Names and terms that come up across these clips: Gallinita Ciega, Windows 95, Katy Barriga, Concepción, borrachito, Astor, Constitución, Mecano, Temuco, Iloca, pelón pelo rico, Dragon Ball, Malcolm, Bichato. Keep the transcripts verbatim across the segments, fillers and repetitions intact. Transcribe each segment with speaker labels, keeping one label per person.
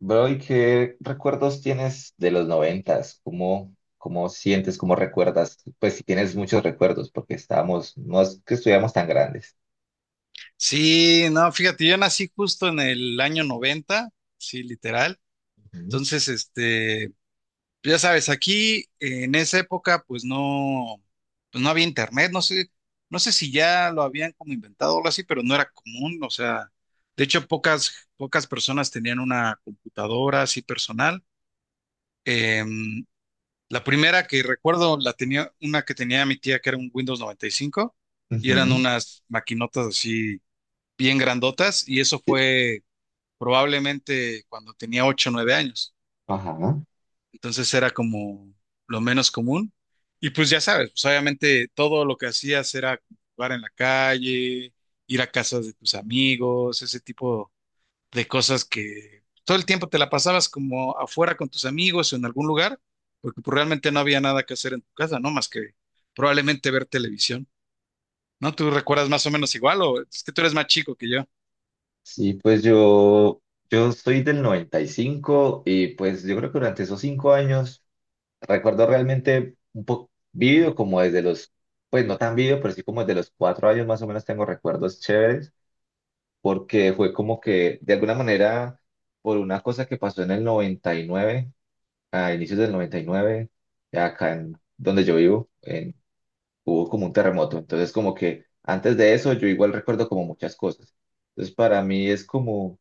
Speaker 1: Bro, ¿y qué recuerdos tienes de los noventas? ¿Cómo, cómo sientes, cómo recuerdas? Pues si tienes muchos recuerdos, porque estábamos, no es que estuviéramos tan grandes.
Speaker 2: Sí, no, fíjate, yo nací justo en el año noventa, sí, literal.
Speaker 1: Ujú.
Speaker 2: Entonces, este, ya sabes, aquí eh, en esa época, pues no, pues no había internet, no sé, no sé si ya lo habían como inventado o algo así, pero no era común, o sea, de hecho, pocas, pocas personas tenían una computadora así personal. Em, la primera que recuerdo la tenía, una que tenía mi tía que era un Windows noventa y cinco y cinco y eran
Speaker 1: Ujú.
Speaker 2: unas maquinotas así bien grandotas, y eso fue probablemente cuando tenía ocho o nueve años.
Speaker 1: Ajá.
Speaker 2: Entonces era como lo menos común. Y pues ya sabes, pues obviamente todo lo que hacías era jugar en la calle, ir a casas de tus amigos, ese tipo de cosas, que todo el tiempo te la pasabas como afuera con tus amigos o en algún lugar, porque pues realmente no había nada que hacer en tu casa, ¿no? Más que probablemente ver televisión, ¿no? ¿Tú recuerdas más o menos igual o es que tú eres más chico que yo?
Speaker 1: Sí, pues yo, yo soy del noventa y cinco y cinco y pues yo creo que durante esos cinco años recuerdo realmente un poco vivido como desde los, pues no tan vivido, pero sí como desde los cuatro años más o menos tengo recuerdos chéveres, porque fue como que, de alguna manera, por una cosa que pasó en el noventa y nueve, a inicios del noventa y nueve acá en donde yo vivo, en- hubo como un terremoto. Entonces, como que antes de eso, yo igual recuerdo como muchas cosas. Entonces, para mí es como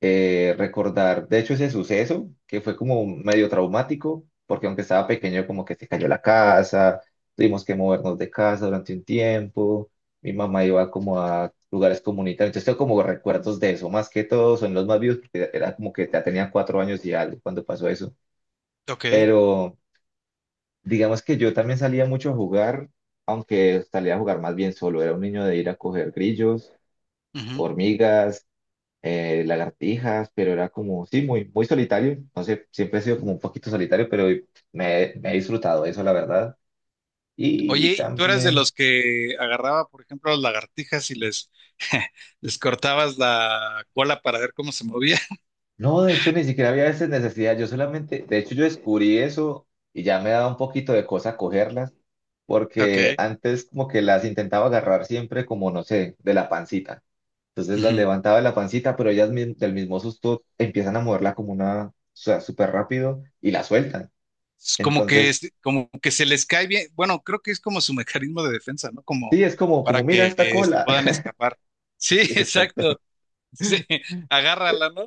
Speaker 1: eh, recordar, de hecho, ese suceso que fue como medio traumático, porque aunque estaba pequeño, como que se cayó la casa, tuvimos que movernos de casa durante un tiempo, mi mamá iba como a lugares comunitarios, entonces tengo como recuerdos de eso, más que todo son los más vivos, porque era como que ya tenía cuatro años y algo cuando pasó eso,
Speaker 2: Ok.
Speaker 1: pero digamos que yo también salía mucho a jugar, aunque salía a jugar más bien solo, era un niño de ir a coger grillos,
Speaker 2: Ujú.
Speaker 1: hormigas, eh, lagartijas, pero era como, sí, muy, muy solitario. No sé, siempre he sido como un poquito solitario, pero me, me he disfrutado eso, la verdad. Y
Speaker 2: Oye, ¿y tú eras de
Speaker 1: también,
Speaker 2: los que agarraba, por ejemplo, las lagartijas y les, les cortabas la cola para ver cómo se movía?
Speaker 1: no, de hecho, ni siquiera había veces necesidad. Yo solamente, de hecho, yo descubrí eso y ya me daba un poquito de cosa cogerlas,
Speaker 2: Ok.
Speaker 1: porque antes como que las intentaba agarrar siempre como, no sé, de la pancita. Entonces las
Speaker 2: Ujú.
Speaker 1: levantaba de la pancita, pero ellas mi- del mismo susto empiezan a moverla como una, o sea, súper rápido y la sueltan.
Speaker 2: Es como que,
Speaker 1: Entonces
Speaker 2: es- como que se les cae bien. Bueno, creo que es como su mecanismo de defensa, ¿no? Como
Speaker 1: sí, es como,
Speaker 2: para
Speaker 1: como, mira
Speaker 2: que
Speaker 1: esta
Speaker 2: eh, se
Speaker 1: cola.
Speaker 2: puedan escapar. Sí,
Speaker 1: Sí, exacto.
Speaker 2: exacto. Sí, agárrala, ¿no?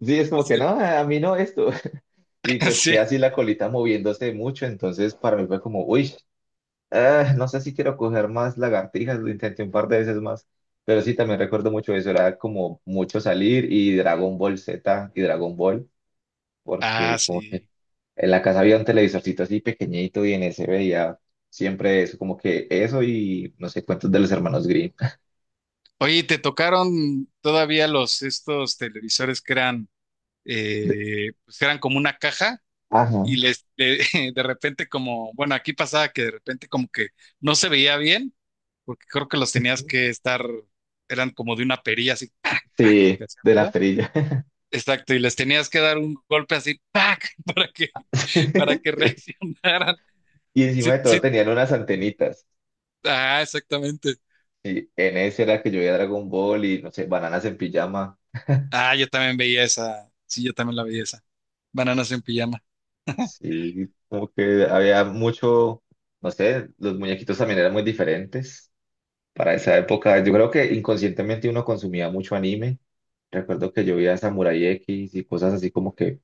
Speaker 1: Sí, es como que
Speaker 2: Sí.
Speaker 1: no, a mí no esto. Y pues que
Speaker 2: Sí.
Speaker 1: así la colita moviéndose mucho, entonces para mí fue como, uy, ah, no sé si quiero coger más lagartijas, lo intenté un par de veces más, pero sí, también recuerdo mucho eso, era como mucho salir y Dragon Ball Z y Dragon Ball,
Speaker 2: Ah,
Speaker 1: porque como que
Speaker 2: sí.
Speaker 1: en la casa había un televisorcito así pequeñito y en ese veía siempre eso, como que eso y no sé cuántos de los hermanos Grimm.
Speaker 2: Oye, ¿y ¿te tocaron todavía los estos televisores que eran, eh, pues que eran como una caja?
Speaker 1: Ajá.
Speaker 2: Y les, le- de repente como, bueno, aquí pasaba que de repente como que no se veía bien, porque creo que los tenías que estar, eran como de una perilla así, ¡pac! ¡pac!, que
Speaker 1: Sí,
Speaker 2: hacía
Speaker 1: de la
Speaker 2: ruido.
Speaker 1: estrella.
Speaker 2: Exacto, y les tenías que dar un golpe así, ¡pac! para que, para que
Speaker 1: Sí.
Speaker 2: reaccionaran.
Speaker 1: Y encima
Speaker 2: Sí,
Speaker 1: de todo
Speaker 2: sí,
Speaker 1: tenían unas antenitas.
Speaker 2: ah, exactamente.
Speaker 1: Y en ese era que yo veía Dragon Ball y, no sé, bananas en pijama.
Speaker 2: Ah, yo también veía esa, sí, yo también la veía esa. Bananas en pijama.
Speaker 1: Sí, como que había mucho, no sé, los muñequitos también eran muy diferentes para esa época. Yo creo que inconscientemente uno consumía mucho anime. Recuerdo que yo veía Samurai X y cosas así como que,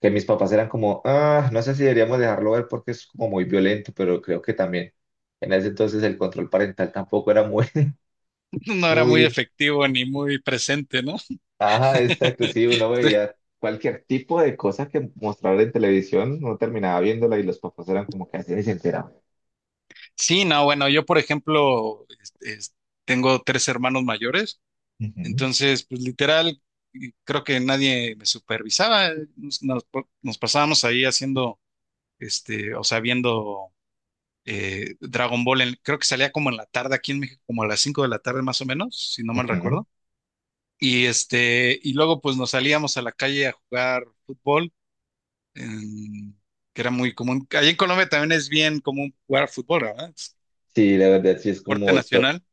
Speaker 1: que mis papás eran como, ah, no sé si deberíamos dejarlo ver porque es como muy violento, pero creo que también en ese entonces el control parental tampoco era muy...
Speaker 2: No era muy
Speaker 1: Uy,
Speaker 2: efectivo ni muy presente, ¿no?
Speaker 1: ajá, exacto, sí, uno veía cualquier tipo de cosa que mostraban en televisión, uno terminaba viéndola y los papás eran como que así ni se enteraban.
Speaker 2: Sí, no, bueno, yo por ejemplo es- es- tengo tres hermanos mayores,
Speaker 1: Ujú,
Speaker 2: entonces pues literal y creo que nadie me supervisaba, nos, nos- nos pasábamos ahí haciendo, este, o sea, viendo eh, Dragon Ball, en- creo que salía como en la tarde aquí en México, como a las cinco de la tarde más o menos, si no mal
Speaker 1: ujú.
Speaker 2: recuerdo, y este, y luego pues nos salíamos a la calle a jugar fútbol, en- que era muy común. Allí en Colombia también es bien común jugar fútbol, ¿verdad? Es
Speaker 1: Sí, la verdad, sí es
Speaker 2: deporte
Speaker 1: como, to-
Speaker 2: nacional.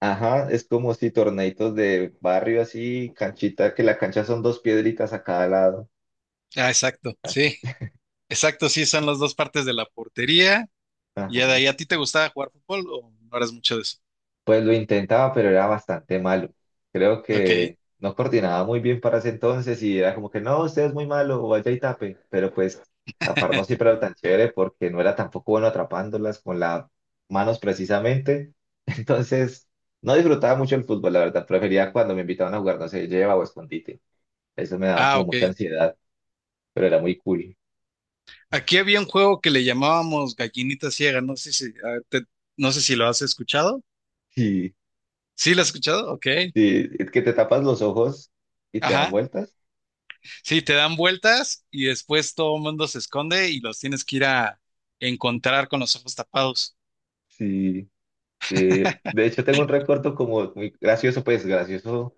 Speaker 1: ajá, es como si torneitos de barrio así, canchita, que la cancha son dos piedritas a cada lado,
Speaker 2: Ah, exacto,
Speaker 1: así.
Speaker 2: sí, exacto, sí, son las dos partes de la portería. Y ya de
Speaker 1: Ajá.
Speaker 2: ahí, ¿a ti te gustaba jugar fútbol o no eras mucho de eso?
Speaker 1: Pues lo intentaba, pero era bastante malo. Creo
Speaker 2: Ok.
Speaker 1: que no coordinaba muy bien para ese entonces y era como que no, usted es muy malo o vaya y tape. Pero pues tapar no siempre era tan chévere porque no era tampoco bueno atrapándolas con las manos precisamente. Entonces no disfrutaba mucho el fútbol, la verdad. Prefería cuando me invitaban a jugar, no sé, lleva o escondite. Eso me daba
Speaker 2: Ah,
Speaker 1: como
Speaker 2: ok.
Speaker 1: mucha ansiedad, pero era muy cool.
Speaker 2: Aquí había un juego que le llamábamos Gallinita Ciega, no sé si, a ver, te- no sé si lo has escuchado. ¿Sí lo has escuchado? Ok.
Speaker 1: Y, y que te tapas los ojos y te dan
Speaker 2: Ajá.
Speaker 1: vueltas.
Speaker 2: Sí, te dan vueltas y después todo el mundo se esconde y los tienes que ir a encontrar con los ojos tapados.
Speaker 1: Sí. Sí, de hecho, tengo un recuerdo como muy gracioso, pues gracioso,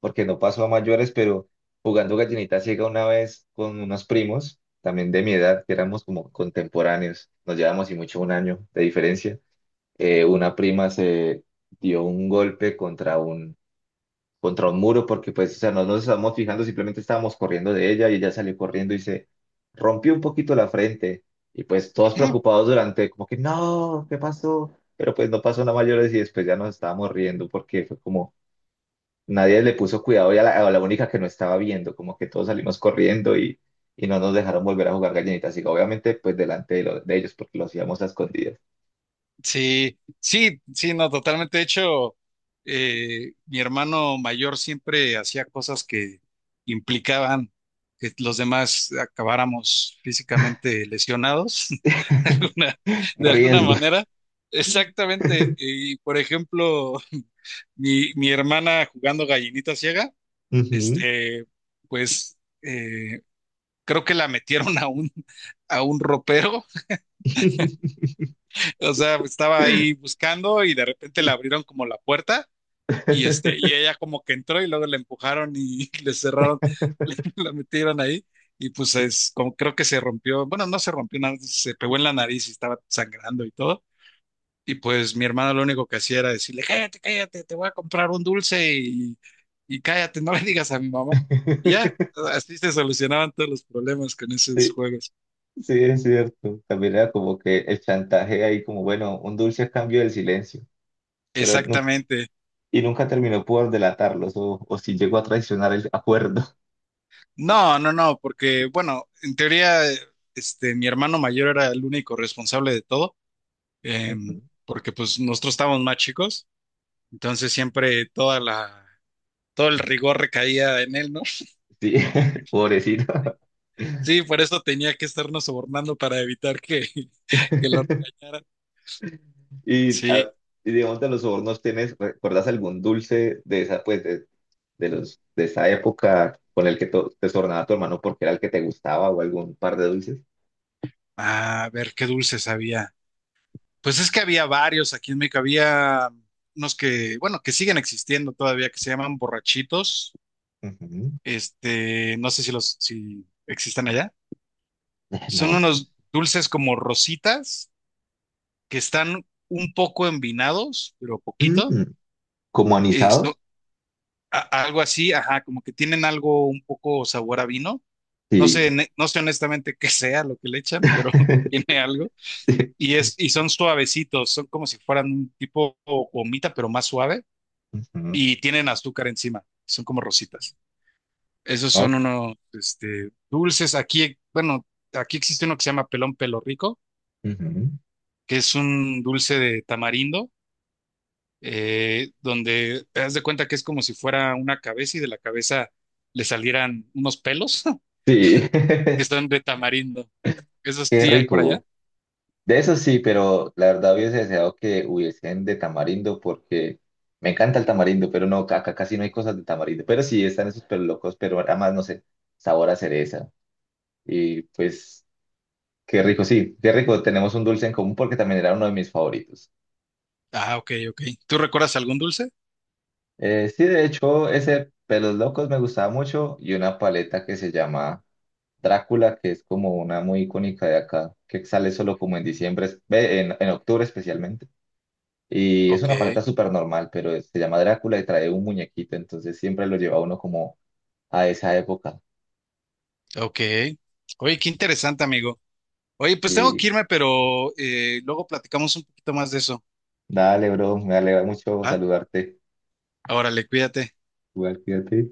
Speaker 1: porque no pasó a mayores, pero jugando gallinita ciega una vez con unos primos, también de mi edad, que éramos como contemporáneos, nos llevamos y mucho un año de diferencia. eh, una prima se dio un golpe contra un contra un muro porque pues, o sea, no nos estábamos fijando, simplemente estábamos corriendo de ella y ella salió corriendo y se rompió un poquito la frente y pues todos preocupados durante como que no, ¿qué pasó? Pero pues no pasó nada mayores y después ya nos estábamos riendo porque fue como nadie le puso cuidado y a la, a la única que no estaba viendo, como que todos salimos corriendo y, y no nos dejaron volver a jugar gallinitas, así que obviamente pues delante de, lo- de ellos porque lo hacíamos a escondidas.
Speaker 2: Sí, sí, sí, no, totalmente. De hecho, eh, mi hermano mayor siempre hacía cosas que implicaban que los demás acabáramos físicamente lesionados, de alguna, de alguna
Speaker 1: Riesgos.
Speaker 2: manera. Exactamente. Y por ejemplo, mi, mi hermana jugando gallinita ciega,
Speaker 1: Ujú.
Speaker 2: este, pues eh, creo que la metieron a un, a un ropero. O sea, estaba ahí buscando y de repente le abrieron como la puerta y este, y ella como que entró y luego le empujaron y le cerraron, le- la metieron ahí, y pues es como creo que se rompió, bueno, no se rompió nada, se pegó en la nariz y estaba sangrando y todo. Y pues mi hermano lo único que hacía era decirle, cállate, cállate, te voy a comprar un dulce y, y cállate, no le digas a mi mamá. Y ya, así se solucionaban todos los problemas con esos
Speaker 1: Sí,
Speaker 2: juegos.
Speaker 1: sí, es cierto. También era como que el chantaje ahí, como bueno, un dulce a cambio del silencio, pero nu-
Speaker 2: Exactamente.
Speaker 1: y nunca terminó por delatarlos o, o si llegó a traicionar el acuerdo.
Speaker 2: No, no, no, porque bueno, en teoría, eh, este, mi hermano mayor era el único responsable de todo, em,
Speaker 1: Ujú.
Speaker 2: porque pues nosotros estábamos más chicos, entonces siempre toda la, todo el rigor recaía en él, ¿no?
Speaker 1: Sí, pobrecito.
Speaker 2: Sí, por eso tenía que estarnos sobornando para evitar que, que lo regañaran.
Speaker 1: Y,
Speaker 2: Sí,
Speaker 1: a- y digamos de los sobornos, ¿tienes, recuerdas algún dulce de esa, pues, de, de los, de esa época con el que to- te sobornaba tu hermano porque era el que te gustaba o algún par de dulces?
Speaker 2: ah, a ver qué dulces había. Pues es que había varios aquí en México, había unos que, bueno, que siguen existiendo todavía, que se llaman borrachitos,
Speaker 1: Ujú.
Speaker 2: este, no sé si los, si existen allá.
Speaker 1: Eh,
Speaker 2: Son
Speaker 1: No, no sé.
Speaker 2: unos dulces como rositas que están un poco envinados, pero poquito.
Speaker 1: Mm, ¿como anisados?
Speaker 2: Esto, a- algo así, ajá, como que tienen algo un poco sabor a vino. No sé,
Speaker 1: Sí.
Speaker 2: ne- no sé honestamente qué sea lo que le echan, pero tiene algo. Y es, y son suavecitos, son como si fueran un tipo gomita, pero más suave,
Speaker 1: Ujú.
Speaker 2: y tienen azúcar encima. Son como rositas. Esos
Speaker 1: Ah,
Speaker 2: son
Speaker 1: pero...
Speaker 2: unos, este, dulces. Aquí, bueno, aquí existe uno que se llama pelón pelo rico,
Speaker 1: ujú.
Speaker 2: que es un dulce de tamarindo, eh, donde te das de cuenta que es como si fuera una cabeza y de la cabeza le salieran unos pelos
Speaker 1: Sí,
Speaker 2: que están de tamarindo. ¿Eso
Speaker 1: qué
Speaker 2: sí hay por allá?
Speaker 1: rico. De eso sí, pero la verdad hubiese deseado que hubiesen de tamarindo porque me encanta el tamarindo, pero no, acá casi no hay cosas de tamarindo. Pero sí, están esos pero locos, pero además, no sé, sabor a cereza. Y pues, qué rico, sí, qué rico. Tenemos un dulce en común porque también era uno de mis favoritos.
Speaker 2: Ah, ok, ok. ¿Tú recuerdas algún dulce?
Speaker 1: Eh, sí, de hecho, ese pelos locos me gustaba mucho y una paleta que se llama Drácula, que es como una muy icónica de acá, que sale solo como en diciembre, es- ve, en, en octubre especialmente. Y es
Speaker 2: Ok,
Speaker 1: una paleta súper normal, pero es- se llama Drácula y trae un muñequito, entonces siempre lo lleva uno como a esa época.
Speaker 2: ok. Oye, qué interesante, amigo. Oye, pues tengo
Speaker 1: Y
Speaker 2: que irme, pero eh, luego platicamos un poquito más de eso.
Speaker 1: dale, bro, me alegra mucho
Speaker 2: ¿Ah?
Speaker 1: saludarte.
Speaker 2: Órale, cuídate.
Speaker 1: Igual, cuídate.